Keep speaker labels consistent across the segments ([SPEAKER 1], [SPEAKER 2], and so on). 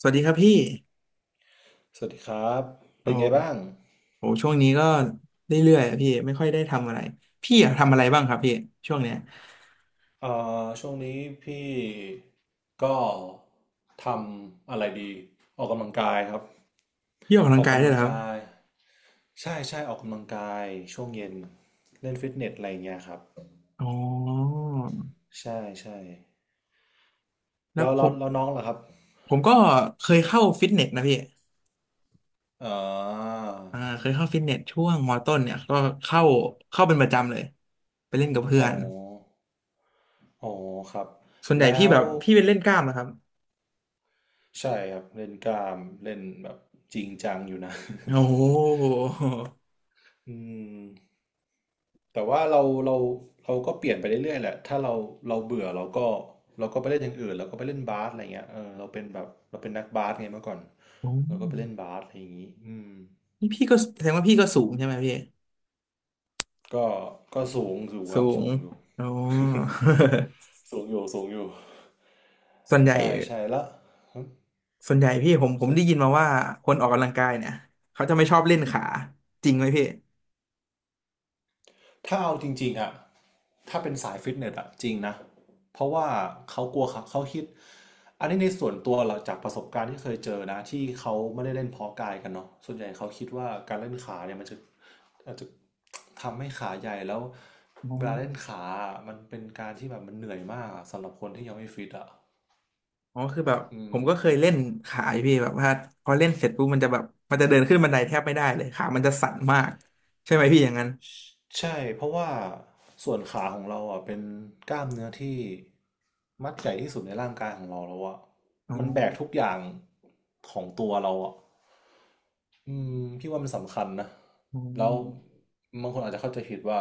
[SPEAKER 1] สวัสดีครับพี่
[SPEAKER 2] สวัสดีครับ
[SPEAKER 1] โอ
[SPEAKER 2] เป็นไงบ้าง
[SPEAKER 1] ้โหช่วงนี้ก็เรื่อยๆอะพี่ไม่ค่อยได้ทำอะไรพี่อะทำอะไรบ้างครับพี่ช่วงเนี้ย
[SPEAKER 2] อ่ช่วงนี้พี่ก็ทำอะไรดีออกกำลังกายครับ
[SPEAKER 1] พี่ออกกำ
[SPEAKER 2] อ
[SPEAKER 1] ลัง
[SPEAKER 2] อก
[SPEAKER 1] กาย
[SPEAKER 2] กำ
[SPEAKER 1] ด้วย
[SPEAKER 2] ลั
[SPEAKER 1] เห
[SPEAKER 2] ง
[SPEAKER 1] รอครับ
[SPEAKER 2] กายใช่ใช่ออกกำลังกายช่วงเย็นเล่นฟิตเนสอะไรอย่างเงี้ยครับ
[SPEAKER 1] อ๋อ
[SPEAKER 2] ใช่ใช่
[SPEAKER 1] แล้ว
[SPEAKER 2] แล้ว
[SPEAKER 1] ผ
[SPEAKER 2] แล้ว
[SPEAKER 1] ม
[SPEAKER 2] แล้วน้องล่ะครับ
[SPEAKER 1] ผมก็เคยเข้าฟิตเนสนะพี่
[SPEAKER 2] อ่า
[SPEAKER 1] อ่าเคยเข้าฟิตเนสช่วงมต้นเนี่ยก็เข้าเข้าเป็นประจำเลยไปเล่นกับเพื่อ
[SPEAKER 2] อ๋อ
[SPEAKER 1] น
[SPEAKER 2] อ๋อครับ
[SPEAKER 1] ส่วนใหญ่
[SPEAKER 2] แล้
[SPEAKER 1] พี่แบ
[SPEAKER 2] ว
[SPEAKER 1] บพี่เป็นเล่นกล้ามนะครับ
[SPEAKER 2] ใช่ครับเล่นกล้ามเล่นแบบจริงจังอยู่นะ
[SPEAKER 1] โอ้โห
[SPEAKER 2] อืม แต่ว่าเราเราก็เปลี่ยนไปเรื่อยๆแหละถ้าเราเราเบื่อเราก็เราก็ไปเล่นอย่างอื่นเราก็ไปเล่นบาสอะไรเงี้ยเออเราเป็นแบบเราเป็นนักบาสไงเมื่อก่อน
[SPEAKER 1] โอ้
[SPEAKER 2] เราก็ไปเล่นบาสอะไรอย่างงี้อืม
[SPEAKER 1] นี่พี่ก็แสดงว่าพี่ก็สูงใช่ไหมพี่
[SPEAKER 2] ก็ก็สูงอยู่ค
[SPEAKER 1] สู
[SPEAKER 2] รับ
[SPEAKER 1] ง
[SPEAKER 2] สูงอยู่
[SPEAKER 1] อ๋อ
[SPEAKER 2] สูงอยู่สูงอยู่
[SPEAKER 1] ส่วนใหญ่
[SPEAKER 2] ใช่ใช่แล้ว
[SPEAKER 1] ส่วนใหญ่พี่ผม
[SPEAKER 2] ส่วน
[SPEAKER 1] ได้ยินมาว่าคนออกกำลังกายเนี่ยเขาจะไม่ชอบเล่นขาจริงไหมพี่
[SPEAKER 2] ถ้าเอาจริงๆอะถ้าเป็นสายฟิตเนสอะจริงนะเพราะว่าเขากลัวเขาคิดอันนี้ในส่วนตัวเราจากประสบการณ์ที่เคยเจอนะที่เขาไม่ได้เล่นเพาะกายกันเนาะส่วนใหญ่เขาคิดว่าการเล่นขาเนี่ยมันจะอาจจะทำให้ขาใหญ่แล้ว
[SPEAKER 1] อ๋อ
[SPEAKER 2] เวลาเล่นขาอะมันเป็นการที่แบบมันเหนื่อยมากอะสำหรับคนที่ยังไม่ฟิตอะ
[SPEAKER 1] อ๋อคือแบบ
[SPEAKER 2] อื
[SPEAKER 1] ผ
[SPEAKER 2] ม
[SPEAKER 1] มก็เคยเล่นขาอยู่พี่แบบว่าพอเล่นเสร็จปุ๊บมันจะแบบมันจะเดินขึ้นบันไดแทบไม่ได้เลยขามันจะสั่นมากใช่ไหมพี่อย่างนั้น
[SPEAKER 2] ใช่เพราะว่าส่วนขาของเราอ่ะเป็นกล้ามเนื้อที่มัดใหญ่ที่สุดในร่างกายของเราแล้วอ่ะ
[SPEAKER 1] อ๋อ
[SPEAKER 2] มันแบกทุกอย่างของตัวเราอ่ะอืมพี่ว่ามันสำคัญนะ
[SPEAKER 1] อ๋
[SPEAKER 2] แล้ว
[SPEAKER 1] อ
[SPEAKER 2] บางคนอาจจะเข้าใจผิดว่า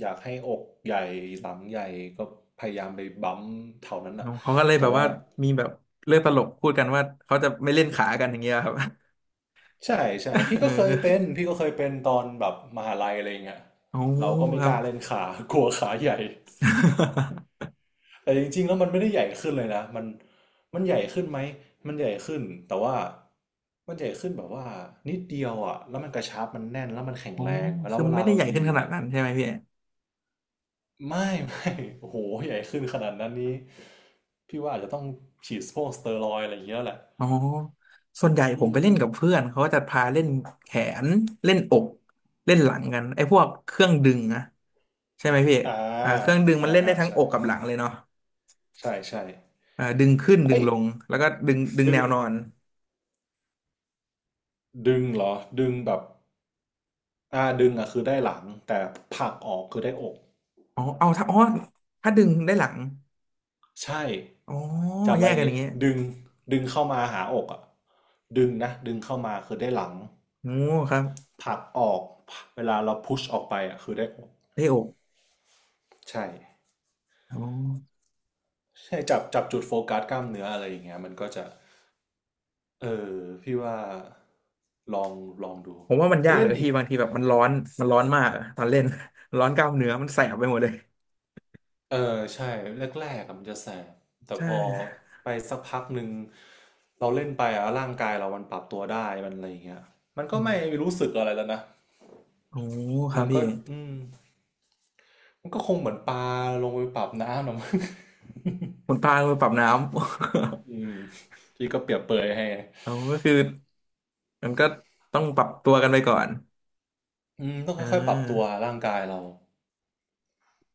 [SPEAKER 2] อยากให้อกใหญ่หลังใหญ่ก็พยายามไปบั๊มเท่านั้น
[SPEAKER 1] อ๋
[SPEAKER 2] อะ
[SPEAKER 1] อเขาก็เลยแบ
[SPEAKER 2] แต่
[SPEAKER 1] บ
[SPEAKER 2] ว่า
[SPEAKER 1] ว่ามีแบบเรื่องตลกพูดกันว่าเขาจะไม่เล่นขากันอย่างเงี้ยครับ
[SPEAKER 2] ใช่ใช่ พี่
[SPEAKER 1] เออ
[SPEAKER 2] ก็เคยเป็น พี่ก็เคยเป็นตอนแบบมหาลัยอะไรเงี้ย
[SPEAKER 1] อ๋อ
[SPEAKER 2] เราก็ไม่
[SPEAKER 1] ครั
[SPEAKER 2] ก
[SPEAKER 1] บ
[SPEAKER 2] ล้าเล่นขา กลัวขาใหญ่ แต่จริงๆแล้วมันไม่ได้ใหญ่ขึ้นเลยนะมันมันใหญ่ขึ้นไหมมันใหญ่ขึ้นแต่ว่ามันใหญ่ขึ้นแบบว่านิดเดียวอ่ะแล้วมันกระชับมันแน่นแล้วมันแข็ง
[SPEAKER 1] อ๋อ
[SPEAKER 2] แรงแล้
[SPEAKER 1] คื
[SPEAKER 2] ว
[SPEAKER 1] อ
[SPEAKER 2] เวลา
[SPEAKER 1] ไม่ได้
[SPEAKER 2] เรา
[SPEAKER 1] ใหญ่ขึ้น
[SPEAKER 2] ยื
[SPEAKER 1] ข
[SPEAKER 2] น
[SPEAKER 1] นาด
[SPEAKER 2] อ่ะ
[SPEAKER 1] นั้นใช่ไหมพี่
[SPEAKER 2] ไม่ไม่โอ้โหใหญ่ขึ้นขนาดนั้นนี้พี่ว่าอาจจะต้องฉีดพวกสเตียรอยด์อะไรอย่างเงี้ยแหละ
[SPEAKER 1] อ๋อส่วนใหญ่
[SPEAKER 2] อื
[SPEAKER 1] ผมไป
[SPEAKER 2] ม
[SPEAKER 1] เล่นกับเพื่อนเขาก็จะพาเล่นแขนเล่นอกเล่นหลังกันไอ้พวกเครื่องดึงนะใช่ไหมพี่
[SPEAKER 2] อ่า
[SPEAKER 1] อ่าเครื่องดึงมั
[SPEAKER 2] อ่า
[SPEAKER 1] นเล่นได้
[SPEAKER 2] อ่า
[SPEAKER 1] ทั้ง
[SPEAKER 2] ใช่
[SPEAKER 1] อกกับหลังเลยเนาะ
[SPEAKER 2] ใช่ใช่
[SPEAKER 1] อ่าดึงขึ้นดึ
[SPEAKER 2] เอ้
[SPEAKER 1] ง
[SPEAKER 2] ย
[SPEAKER 1] ลงแล้วก็ดึง
[SPEAKER 2] ดึ
[SPEAKER 1] แนว
[SPEAKER 2] ง
[SPEAKER 1] นอน
[SPEAKER 2] ดึงเหรอดึงแบบอ่าดึงอ่ะคือได้หลังแต่ผลักออกคือได้อก
[SPEAKER 1] อ๋อเอาถ้าอ๋อถ้าดึงได้หลัง
[SPEAKER 2] ใช่
[SPEAKER 1] อ๋อ
[SPEAKER 2] จำ
[SPEAKER 1] แย
[SPEAKER 2] ไว้อ
[SPEAKER 1] ก
[SPEAKER 2] ย่าง
[SPEAKER 1] กันอ
[SPEAKER 2] งี้
[SPEAKER 1] ย่างเงี้ย
[SPEAKER 2] ดึงดึงเข้ามาหาอกอ่ะดึงนะดึงเข้ามาคือได้หลัง
[SPEAKER 1] โอ้ครับ
[SPEAKER 2] ผลักออกเวลาเราพุชออกไปอ่ะคือได้อก
[SPEAKER 1] ได้อก
[SPEAKER 2] ใช่
[SPEAKER 1] อ๋อ
[SPEAKER 2] ใช่จับจับจุดโฟกัสกล้ามเนื้ออะไรอย่างเงี้ยมันก็จะเออพี่ว่าลองลองดู
[SPEAKER 1] ผมว่ามัน
[SPEAKER 2] ไป
[SPEAKER 1] ยาก
[SPEAKER 2] เล่
[SPEAKER 1] เล
[SPEAKER 2] น
[SPEAKER 1] ย
[SPEAKER 2] ดิ
[SPEAKER 1] ที่บางทีแบบมันร้อนมากอะตอนเล่น ร้อนกล้ามเนื้อมันแสบไปหมดเลย
[SPEAKER 2] เออใช่แรกๆอะมันจะแสบแต่
[SPEAKER 1] ใช่
[SPEAKER 2] พอไปสักพักหนึ่งเราเล่นไปอะร่างกายเรามันปรับตัวได้มันอะไรอย่างเงี้ยมันก็
[SPEAKER 1] อื
[SPEAKER 2] ไม่
[SPEAKER 1] ม
[SPEAKER 2] รู้สึกอะไรแล้วนะ
[SPEAKER 1] โอ้ครั
[SPEAKER 2] มั
[SPEAKER 1] บ
[SPEAKER 2] นก็
[SPEAKER 1] พี่
[SPEAKER 2] อืม มันก็คงเหมือนปลาลงไปปรับน้ำนะมั้ง
[SPEAKER 1] คุณปลามือปรับน้ำ
[SPEAKER 2] อืมที่ก็เปรียบเปรยให้
[SPEAKER 1] เอาก็คือมันก็ต้องปรับตัวกันไปก่อน
[SPEAKER 2] อืมต้อง
[SPEAKER 1] อ่
[SPEAKER 2] ค่อยๆปรับตัว
[SPEAKER 1] า
[SPEAKER 2] ร่างกายเรา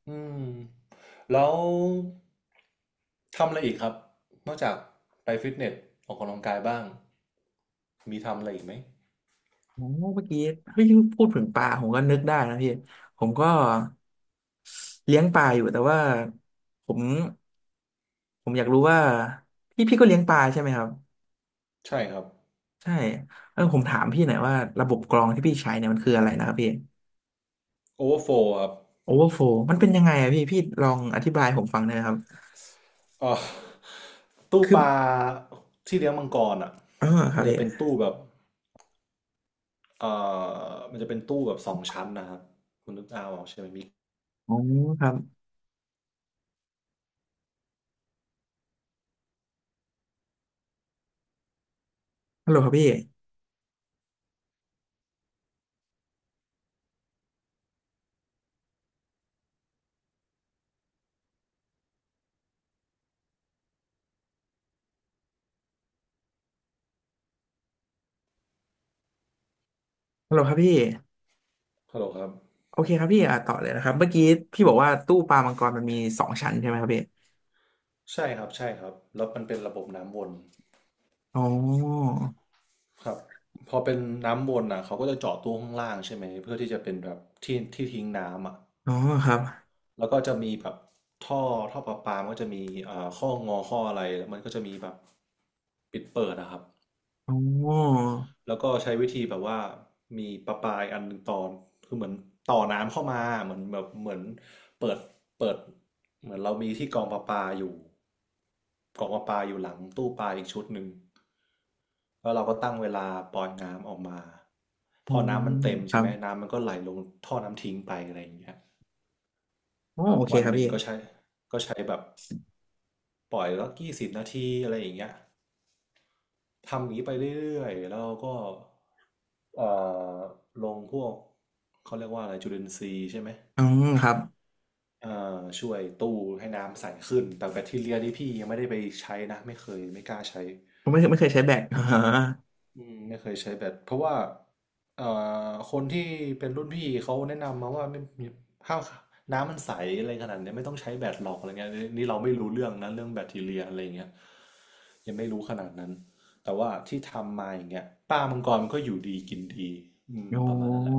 [SPEAKER 2] อืมแล้วทำอะไรอีกครับ นอกจากไปฟิตเนสออกกำลังกายบ้าง มีทำอะไรอีกไหม
[SPEAKER 1] โอ้เมื่อกี้พูดถึงปลาผมก็นึกได้นะพี่ผมก็เลี้ยงปลาอยู่แต่ว่าผมผมอยากรู้ว่าพี่ก็เลี้ยงปลาใช่ไหมครับ
[SPEAKER 2] ใช่ครับ
[SPEAKER 1] ใช่เออผมถามพี่หน่อยว่าระบบกรองที่พี่ใช้เนี่ยมันคืออะไรนะครับพี่
[SPEAKER 2] โอเวอร์โฟลครับ
[SPEAKER 1] โอเวอร์โฟมันเป็นยังไงอะพี่พี่ลองอธิบายให้ผมฟังหน่อยนะครับ
[SPEAKER 2] ออตู้
[SPEAKER 1] คือ
[SPEAKER 2] ปลาที่เลี้ยงมังกรอ่ะ
[SPEAKER 1] อ๋อครั
[SPEAKER 2] มั
[SPEAKER 1] บ
[SPEAKER 2] นจะ
[SPEAKER 1] พี่
[SPEAKER 2] เป็นตู้แบบเอ่มันจะเป็นตู้แบบสองชั้นนะครับคุณนึกเอาออกใช่ไหมมิก
[SPEAKER 1] อ๋อครับฮัลโหลครับพี่ฮัลโหลครับพี่
[SPEAKER 2] ฮัลโหลครับ
[SPEAKER 1] โอเคครับพี่อ่ะต่อเลยนะครับเมื่อกี้พี่บอกว่าตู้ปลามังกรมันมีสองชั้นใช่ไหมครับพี่
[SPEAKER 2] ใช่ครับใช่ครับแล้วมันเป็นระบบน้ำวน
[SPEAKER 1] อ๋อ
[SPEAKER 2] ครับพอเป็นน้ำวนอ่ะเขาก็จะเจาะตู้ข้างล่างใช่ไหมเพื่อที่จะเป็นแบบที่ที่ทิ้งน้ำอ่ะ
[SPEAKER 1] อ๋อครับ
[SPEAKER 2] แล้วก็จะมีแบบท่อท่อประปามันก็จะมีอ่าข้องอข้ออะไรแล้วมันก็จะมีแบบปิดเปิดนะครับ
[SPEAKER 1] อ๋อ
[SPEAKER 2] แล้วก็ใช้วิธีแบบว่ามีประปายอันหนึ่งตอนคือเหมือนต่อน้ำเข้ามาเหมือนแบบเหมือนเปิดเปิดเหมือนเรามีที่กองประปาอยู่กองประปาอยู่หลังตู้ปลาอีกชุดหนึ่งแล้วเราก็ตั้งเวลาปล่อยน้ำออกมา
[SPEAKER 1] อ๋
[SPEAKER 2] พ
[SPEAKER 1] อ
[SPEAKER 2] อน้ำมันเต็ม
[SPEAKER 1] ค
[SPEAKER 2] ใช่
[SPEAKER 1] รั
[SPEAKER 2] ไห
[SPEAKER 1] บ
[SPEAKER 2] มน้ำมันก็ไหลลงท่อน้ำทิ้งไปอะไรอย่างเงี้ย
[SPEAKER 1] อ๋อโอเค
[SPEAKER 2] วัน
[SPEAKER 1] ครับ
[SPEAKER 2] หนึ่ง
[SPEAKER 1] พี่
[SPEAKER 2] ก็ใช้แบบปล่อยแล้วกี่สิบนาทีอะไรอย่างเงี้ยทำอย่างนี้ไปเรื่อยๆแล้วเราก็ เอ่อลงพวกเขาเรียกว่าอะไรจุลินทรีย์ใช่ไหม
[SPEAKER 1] อ๋อครับ
[SPEAKER 2] ช่วยตู้ให้น้ำใสขึ้นแต่แบคทีเรียนี่พี่ยังไม่ได้ไปใช้นะไม่เคยไม่กล้าใช้
[SPEAKER 1] ผมไม่เคยใช้แบต อ๋อ
[SPEAKER 2] อืมไม่เคยใช้แบคเพราะว่าเอ่คนที่เป็นรุ่นพี่เขาแนะนำมาว่าไม่มีถ้าน้ำมันใสอะไรขนาดเนี้ยไม่ต้องใช้แบคหรอกอะไรเงี้ยนี่เราไม่รู้เรื่องนะเรื่องแบคทีเรียอะไรเงี้ยยังไม่รู้ขนาดนั้นแต่ว่าที่ทำมาอย่างเงี้ยป้ามังกรก็อยู่ดีกินดีอืม
[SPEAKER 1] โอ้
[SPEAKER 2] ประมาณนั้นแหละ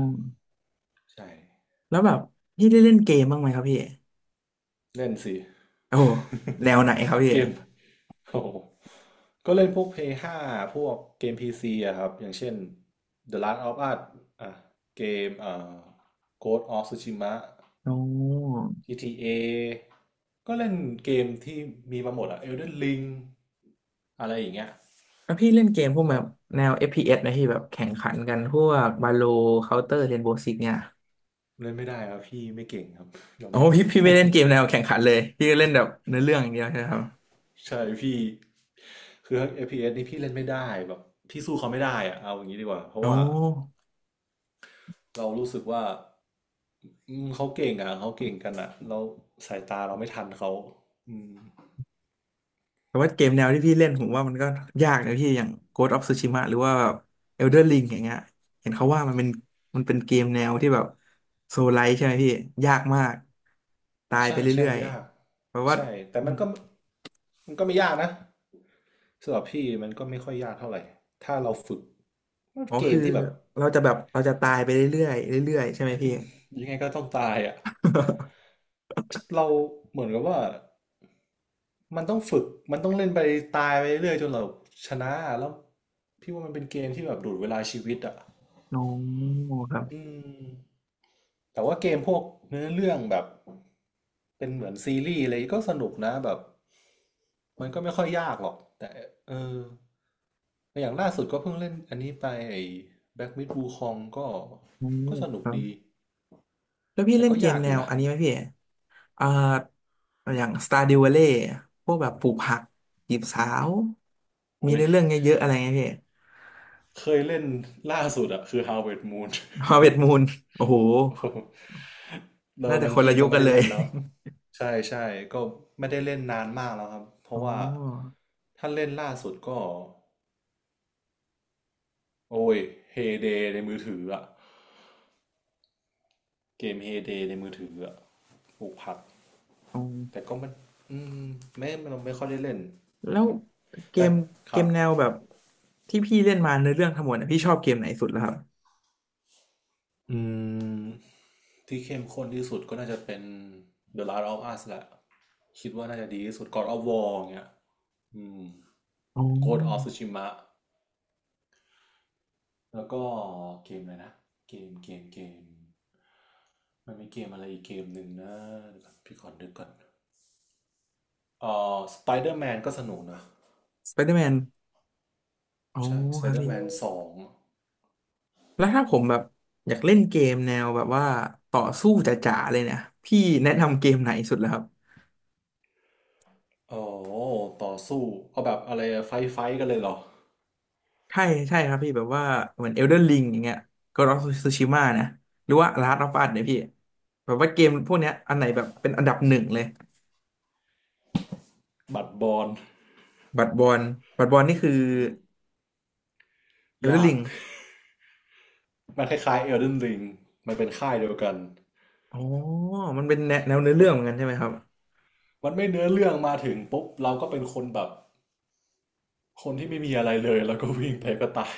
[SPEAKER 2] ใช่
[SPEAKER 1] แล้วแบบพี่ได้เล่นเกมบ้างไหมครับพี่
[SPEAKER 2] เล่นสิ
[SPEAKER 1] โอ้แนวไหนครับ พี่
[SPEAKER 2] เกมโอ้โหก็เล่นพวก p l ห้5พวกเกม PC อะครับอย่างเช่น The Last of Us อ่ะเกมGhost of Tsushima
[SPEAKER 1] โอ้
[SPEAKER 2] GTA ก็เล่นเกมที่มีมาหมดอะ Elden Ring อะไรอย่างเงี้ย
[SPEAKER 1] แล้วพี่เล่นเกมพวกแบ
[SPEAKER 2] ก็
[SPEAKER 1] บแนว FPS นะพีเอสไหมพี่แบบแข่งขันกันพวกบาโลเคาน์เตอร์เรนโบว์ซิกเนี่ย
[SPEAKER 2] เล่นไม่ได้ครับพี่ไม่เก่งครับ ยอม
[SPEAKER 1] โอ้
[SPEAKER 2] รับเล
[SPEAKER 1] พี่
[SPEAKER 2] ย
[SPEAKER 1] พี่ไม่เล่นเกมแนวแข่งขันเลยพี่ก็เล่นแบบเนื้อเรื่องอย่างเดียวใช่ไหมครับ
[SPEAKER 2] ใช่พี่คือเ p s นี่พี่เล่นไม่ได้แบบพี่สู้เขาไม่ได้อะเอาอย่างนี้ดีกว่าเพ
[SPEAKER 1] โอ
[SPEAKER 2] ราะว่า
[SPEAKER 1] ้
[SPEAKER 2] เรารู้สึกว่าอืมเขาเก่งอ่ะเขาเก่งกันอ่ะเราสายตาเราไม่ทันเขาอืม
[SPEAKER 1] แต่ว่าเกมแนวที่พี่เล่นผมว่ามันก็ยากนะพี่อย่าง Ghost of Tsushima หรือว่าแบบ Elden Ring อย่างเงี้ยเห็นเขาว่ามันเป็นเกมแนวที่แบบโซลไลท์ใช่ไหมพี่ยากมากตายไป
[SPEAKER 2] ใช่ใช่
[SPEAKER 1] เรื่อย
[SPEAKER 2] ยาก
[SPEAKER 1] ๆแปลว่า
[SPEAKER 2] ใช่แต่
[SPEAKER 1] อ
[SPEAKER 2] มั
[SPEAKER 1] ม
[SPEAKER 2] นก็มันก็ไม่ยากนะสำหรับพี่มันก็ไม่ค่อยยากเท่าไหร่ถ้าเราฝึกมัน
[SPEAKER 1] อ๋อ
[SPEAKER 2] เก
[SPEAKER 1] คือ
[SPEAKER 2] มที่แบบ
[SPEAKER 1] เราจะแบบเราจะตายไปเรื่อยๆเรื่อยๆใช่ไหม
[SPEAKER 2] อื
[SPEAKER 1] พี่
[SPEAKER 2] มยังไงก็ต้องตายอ่ะเราเหมือนกับว่ามันต้องฝึกมันต้องเล่นไปตายไปเรื่อยจนเราชนะแล้วพี่ว่ามันเป็นเกมที่แบบดูดเวลาชีวิตอ่ะ
[SPEAKER 1] โอ้ครับ
[SPEAKER 2] อืม แต่ว่าเกมพวกเนื้อเรื่องแบบเป็นเหมือนซีรีส์อะไรก็สนุกนะแบบมันก็ไม่ค่อยยากหรอกแต่เอออย่างล่าสุดก็เพิ่งเล่นอันนี้ไปไอ้แบ็กมิดบูคองก็
[SPEAKER 1] โอ้
[SPEAKER 2] ก็สนุ
[SPEAKER 1] ค
[SPEAKER 2] ก
[SPEAKER 1] รับ
[SPEAKER 2] ดี
[SPEAKER 1] แล้วพี่
[SPEAKER 2] แต่
[SPEAKER 1] เล่น
[SPEAKER 2] ก็
[SPEAKER 1] เกม
[SPEAKER 2] ยากอ
[SPEAKER 1] แน
[SPEAKER 2] ยู่
[SPEAKER 1] ว
[SPEAKER 2] นะ
[SPEAKER 1] อันนี้ไหมพี่อ่าอย่าง Stardew Valley พวกแบบปลูกผักจีบสาวมี
[SPEAKER 2] โอ้ย
[SPEAKER 1] เนื้อเรื่องเยอะๆอะไรเงี้ยพี่
[SPEAKER 2] เคยเล่นล่าสุดอะคือ Harvest Moon
[SPEAKER 1] ฮาร์เวสต์มูนโอ้โห
[SPEAKER 2] โอ้โหวต
[SPEAKER 1] น่า
[SPEAKER 2] อน
[SPEAKER 1] จะ
[SPEAKER 2] นั้
[SPEAKER 1] ค
[SPEAKER 2] น
[SPEAKER 1] นละ
[SPEAKER 2] พี่
[SPEAKER 1] ยุ
[SPEAKER 2] ก็
[SPEAKER 1] ค
[SPEAKER 2] ไม่
[SPEAKER 1] กัน
[SPEAKER 2] ได้
[SPEAKER 1] เลย
[SPEAKER 2] เล่นแล้วใช่ใช่ก็ไม่ได้เล่นนานมากแล้วครับเพ
[SPEAKER 1] อ๋
[SPEAKER 2] ราะ
[SPEAKER 1] อ
[SPEAKER 2] ว่าถ้าเล่นล่าสุดก็ โอ้ยเฮเดในมือถืออะเกมเฮเดในมือถืออะปลูกผัก
[SPEAKER 1] อ๋อ
[SPEAKER 2] แต่ก็มันอืมไม่เราไม่ค่อยได้เล่น
[SPEAKER 1] แล้ว
[SPEAKER 2] แต่
[SPEAKER 1] เก
[SPEAKER 2] แต่
[SPEAKER 1] ม
[SPEAKER 2] ค
[SPEAKER 1] เก
[SPEAKER 2] รับ
[SPEAKER 1] มแนวแบบที่พี่เล่นมาในเรื่องทั้งหมดเนี่ยพี่ชอบเกมไหนสุดแล้วครับ
[SPEAKER 2] อืมที่เข้มข้นที่สุดก็น่าจะเป็น The Last of Us แหละคิดว่าน่าจะดีที่สุด God of War เงี้ยอืม
[SPEAKER 1] อ๋
[SPEAKER 2] Ghost of
[SPEAKER 1] อ
[SPEAKER 2] Tsushima แล้วก็เกมอะไรนะเกมมันมีเกมอะไรอีกเกมหนึ่งนะเดี๋ยวก่อนพี่ขอนึกก่อนเอ่Spider-Man ก็สนุกนะ
[SPEAKER 1] สไปเดอร์แมนอ๋อ
[SPEAKER 2] ใช่
[SPEAKER 1] ครับพี่
[SPEAKER 2] Spider-Man 2
[SPEAKER 1] แล้วถ้าผมแบบอยากเล่นเกมแนวแบบว่าต่อสู้จ๋าๆเลยเนี่ยพี่แนะนำเกมไหนสุดแล้วครับ
[SPEAKER 2] อ๋อต่อสู้เอาแบบอะไรไฟกันเลยเหรอ
[SPEAKER 1] ใช่ใช่ครับพี่แบบว่าเหมือน Elden Ring อย่างเงี้ย Ghost of Tsushima นะหรือว่า Last of Us เนี่ยพี่แบบว่าเกมพวกเนี้ยอันไหนแบบเป็นอันดับหนึ่งเลย
[SPEAKER 2] บัดบอล
[SPEAKER 1] บัตรบอลบัตรบอลนี่คือ
[SPEAKER 2] อืม
[SPEAKER 1] เอลเดอ
[SPEAKER 2] ยา
[SPEAKER 1] ร์ลิ
[SPEAKER 2] ก
[SPEAKER 1] ง
[SPEAKER 2] มันคล้ายๆ Elden Ring มันเป็นค่ายเดียวกัน
[SPEAKER 1] อ๋อมันเป็นแนวเนื้อเรื่องเหมือน
[SPEAKER 2] บ
[SPEAKER 1] กันใช่ไหมครับ
[SPEAKER 2] มันไม่เนื้อเรื่องมาถึงปุ๊บเราก็เป็นคนแบบคนที่ไม่มีอะไรเลยแล้วก็วิ่งไปก็ตาย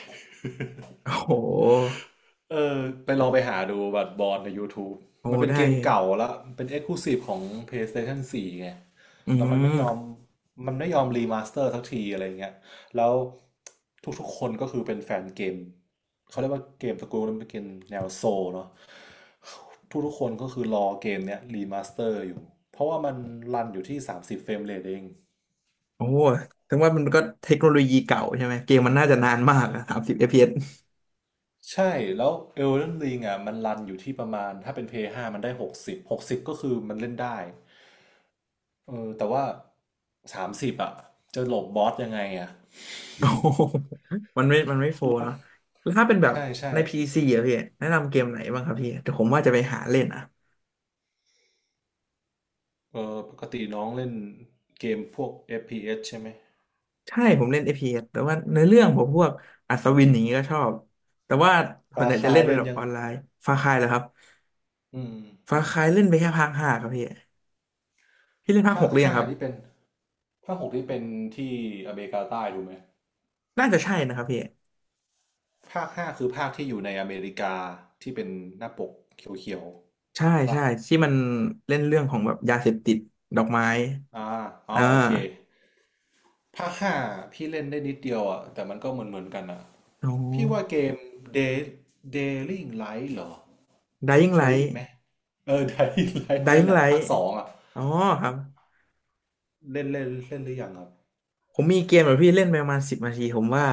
[SPEAKER 1] โอ้โห
[SPEAKER 2] เออไปลองไปหาดูบัตรบอลใน YouTube
[SPEAKER 1] โอ้
[SPEAKER 2] มันเป็น
[SPEAKER 1] ได้
[SPEAKER 2] เกมเก่าแล้วเป็น Exclusive ของ PlayStation 4ไง
[SPEAKER 1] อื
[SPEAKER 2] แล้วมันไม่ยอม
[SPEAKER 1] ม
[SPEAKER 2] มันไม่ยอมรีมาสเตอร์สักทีอะไรเงี้ยแล้วทุกๆคนก็คือเป็นแฟนเกมเขาเรียกว่าเกมสกูลนั้นเป็นเกมแนวโซลเนาะทุกๆคนก็คือรอเกมเนี้ยรีมาสเตอร์อยู่เพราะว่ามันรันอยู่ที่30เฟรมเรทเอง
[SPEAKER 1] โอ้ถึงว่ามันก็เทคโนโลยีเก่าใช่ไหมเกมมันน่าจะนานมากอะ30 FPS
[SPEAKER 2] ใช่แล้ว Elden Ring อ่ะมันรันอยู่ที่ประมาณถ้าเป็นพีเอสห้ามันได้หกสิบก็คือมันเล่นได้ เออแต่ว่า30อ่ะจะหลบบอสยังไงอ่ะ
[SPEAKER 1] โอ้โห มันไม่โฟ
[SPEAKER 2] หล
[SPEAKER 1] ร์
[SPEAKER 2] บ
[SPEAKER 1] เนาะแล้วถ้าเป็นแบบ
[SPEAKER 2] ใช่ใช่
[SPEAKER 1] ใน PC อะพี่แนะนำเกมไหนบ้างครับพี่แต่ผมว่าจะไปหาเล่นอะ
[SPEAKER 2] เออปกติน้องเล่นเกมพวก FPS ใช่ไหม
[SPEAKER 1] ใช่ผมเล่น FPS แต่ว่าในอเรื่องผมพวกอัศวินอย่างนี้ก็ชอบแต่ว่า
[SPEAKER 2] ป
[SPEAKER 1] ส่วน
[SPEAKER 2] ลา
[SPEAKER 1] ใหญ่จะ
[SPEAKER 2] คา
[SPEAKER 1] เล่
[SPEAKER 2] ย
[SPEAKER 1] นเป็น
[SPEAKER 2] เล่น
[SPEAKER 1] แบบ
[SPEAKER 2] ยัง
[SPEAKER 1] ออนไลน์ฟาคายเหรอครับ
[SPEAKER 2] อืม
[SPEAKER 1] ฟาคายเล่นไปแค่ภาค 5ครับพี่พี่เล่นภาค
[SPEAKER 2] ภา
[SPEAKER 1] ห
[SPEAKER 2] ค
[SPEAKER 1] กหรือยัง
[SPEAKER 2] ห้า
[SPEAKER 1] ครับ
[SPEAKER 2] ที่เป็นภาคหกที่เป็นที่อเมริกาใต้ถูกไหม
[SPEAKER 1] น่าจะใช่นะครับพี่
[SPEAKER 2] ภาคห้าคือภาคที่อยู่ในอเมริกาที่เป็นหน้าปกเขียว
[SPEAKER 1] ใช่
[SPEAKER 2] ๆปะ
[SPEAKER 1] ใช่ที่มันเล่นเรื่องของแบบยาเสพติดดอกไม้
[SPEAKER 2] อ่าอ๋อ
[SPEAKER 1] อ่
[SPEAKER 2] โอเค
[SPEAKER 1] า
[SPEAKER 2] ภาคห้าพี่เล่นได้นิดเดียวอ่ะแต่มันก็เหมือนเหมือนกันอ่ะ
[SPEAKER 1] อ๋อ
[SPEAKER 2] พี่ว่าเกม Day Dying Light เหรอ
[SPEAKER 1] Dying
[SPEAKER 2] เคยได้ยินไห
[SPEAKER 1] Light
[SPEAKER 2] มเออ Dying Light นั่น
[SPEAKER 1] Dying
[SPEAKER 2] แหละภาค
[SPEAKER 1] Light
[SPEAKER 2] 2อ่ะ
[SPEAKER 1] อ๋อครับ
[SPEAKER 2] เล่นเล่นเล่นหรือยังครับ
[SPEAKER 1] ผมมีเกมแบบพี่เล่นไปประมาณ10 นาทีผมว่า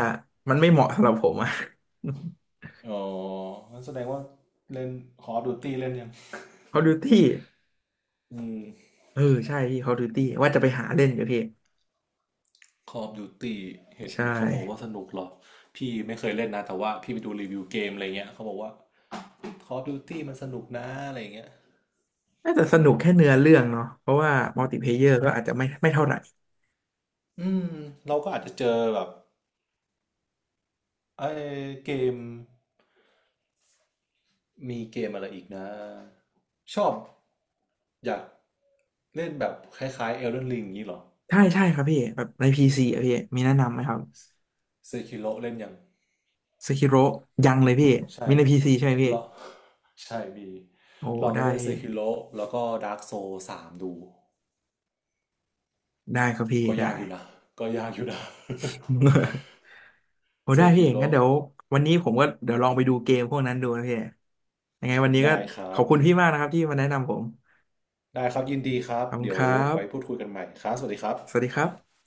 [SPEAKER 1] มันไม่เหมาะสำหรับผมอะ
[SPEAKER 2] อ๋องั้นแสดงว่าเล่น Call of Duty เล่นยัง
[SPEAKER 1] Call of Duty
[SPEAKER 2] อืม
[SPEAKER 1] เออใช่พี่ Call of Duty ว่าจะไปหาเล่นอยู่พี่
[SPEAKER 2] Call of Duty เห็น
[SPEAKER 1] ใช่
[SPEAKER 2] เขาบอกว่าสนุกเหรอพี่ไม่เคยเล่นนะแต่ว่าพี่ไปดูรีวิวเกมอะไรเงี้ยเขาบอกว่า Call of Duty มันสนุกนะอะไรเงี้ย
[SPEAKER 1] น่าจะสนุกแค่เนื้อเรื่องเนาะเพราะว่ามัลติเพลเยอร์ก็อาจจะไม่เท่าไหร่
[SPEAKER 2] อืมเราก็อาจจะเจอแบบ ไอ้เกมมีเกมอะไรอีกนะชอบอยากเล่นแบบคล้ายๆ Elden Ring อย่างนี้เหรอ
[SPEAKER 1] ใช่ใช่ครับพี่แบบในพีซีอะพี่มีแนะนำไหมครับ
[SPEAKER 2] Sekiro เล่นยัง
[SPEAKER 1] สคิโรยังเลยพี่
[SPEAKER 2] ใช่
[SPEAKER 1] มีในพีซีใช่ไหมพี่
[SPEAKER 2] ลอง ใช่มี
[SPEAKER 1] โอ้
[SPEAKER 2] ลองไป
[SPEAKER 1] ได้
[SPEAKER 2] เล่น
[SPEAKER 1] พี่
[SPEAKER 2] Sekiro แล้วก็ Dark Souls 3ดู
[SPEAKER 1] ได้ครับพี่
[SPEAKER 2] ก็
[SPEAKER 1] ได้
[SPEAKER 2] ยากอยู่นะ ก็ยากอยู่นะ
[SPEAKER 1] โอ้ ได้พี่เองงั้นเดี๋ย
[SPEAKER 2] Sekiro
[SPEAKER 1] ววันนี้ผมก็เดี๋ยวลองไปดูเกมพวกนั้นดูนะพี่ยังไงวันนี้ก็
[SPEAKER 2] ได้ครั
[SPEAKER 1] ขอ
[SPEAKER 2] บ
[SPEAKER 1] บคุณพี่มากนะครับที่มาแนะนำผม
[SPEAKER 2] ได้ครับยินดีครับ
[SPEAKER 1] ขอบคุณ
[SPEAKER 2] เดี๋ย
[SPEAKER 1] ค
[SPEAKER 2] ว
[SPEAKER 1] รั
[SPEAKER 2] ไว้พูด
[SPEAKER 1] บ
[SPEAKER 2] คุยกันใหม่ครับสวัสดีครับ
[SPEAKER 1] สวัสดีครับ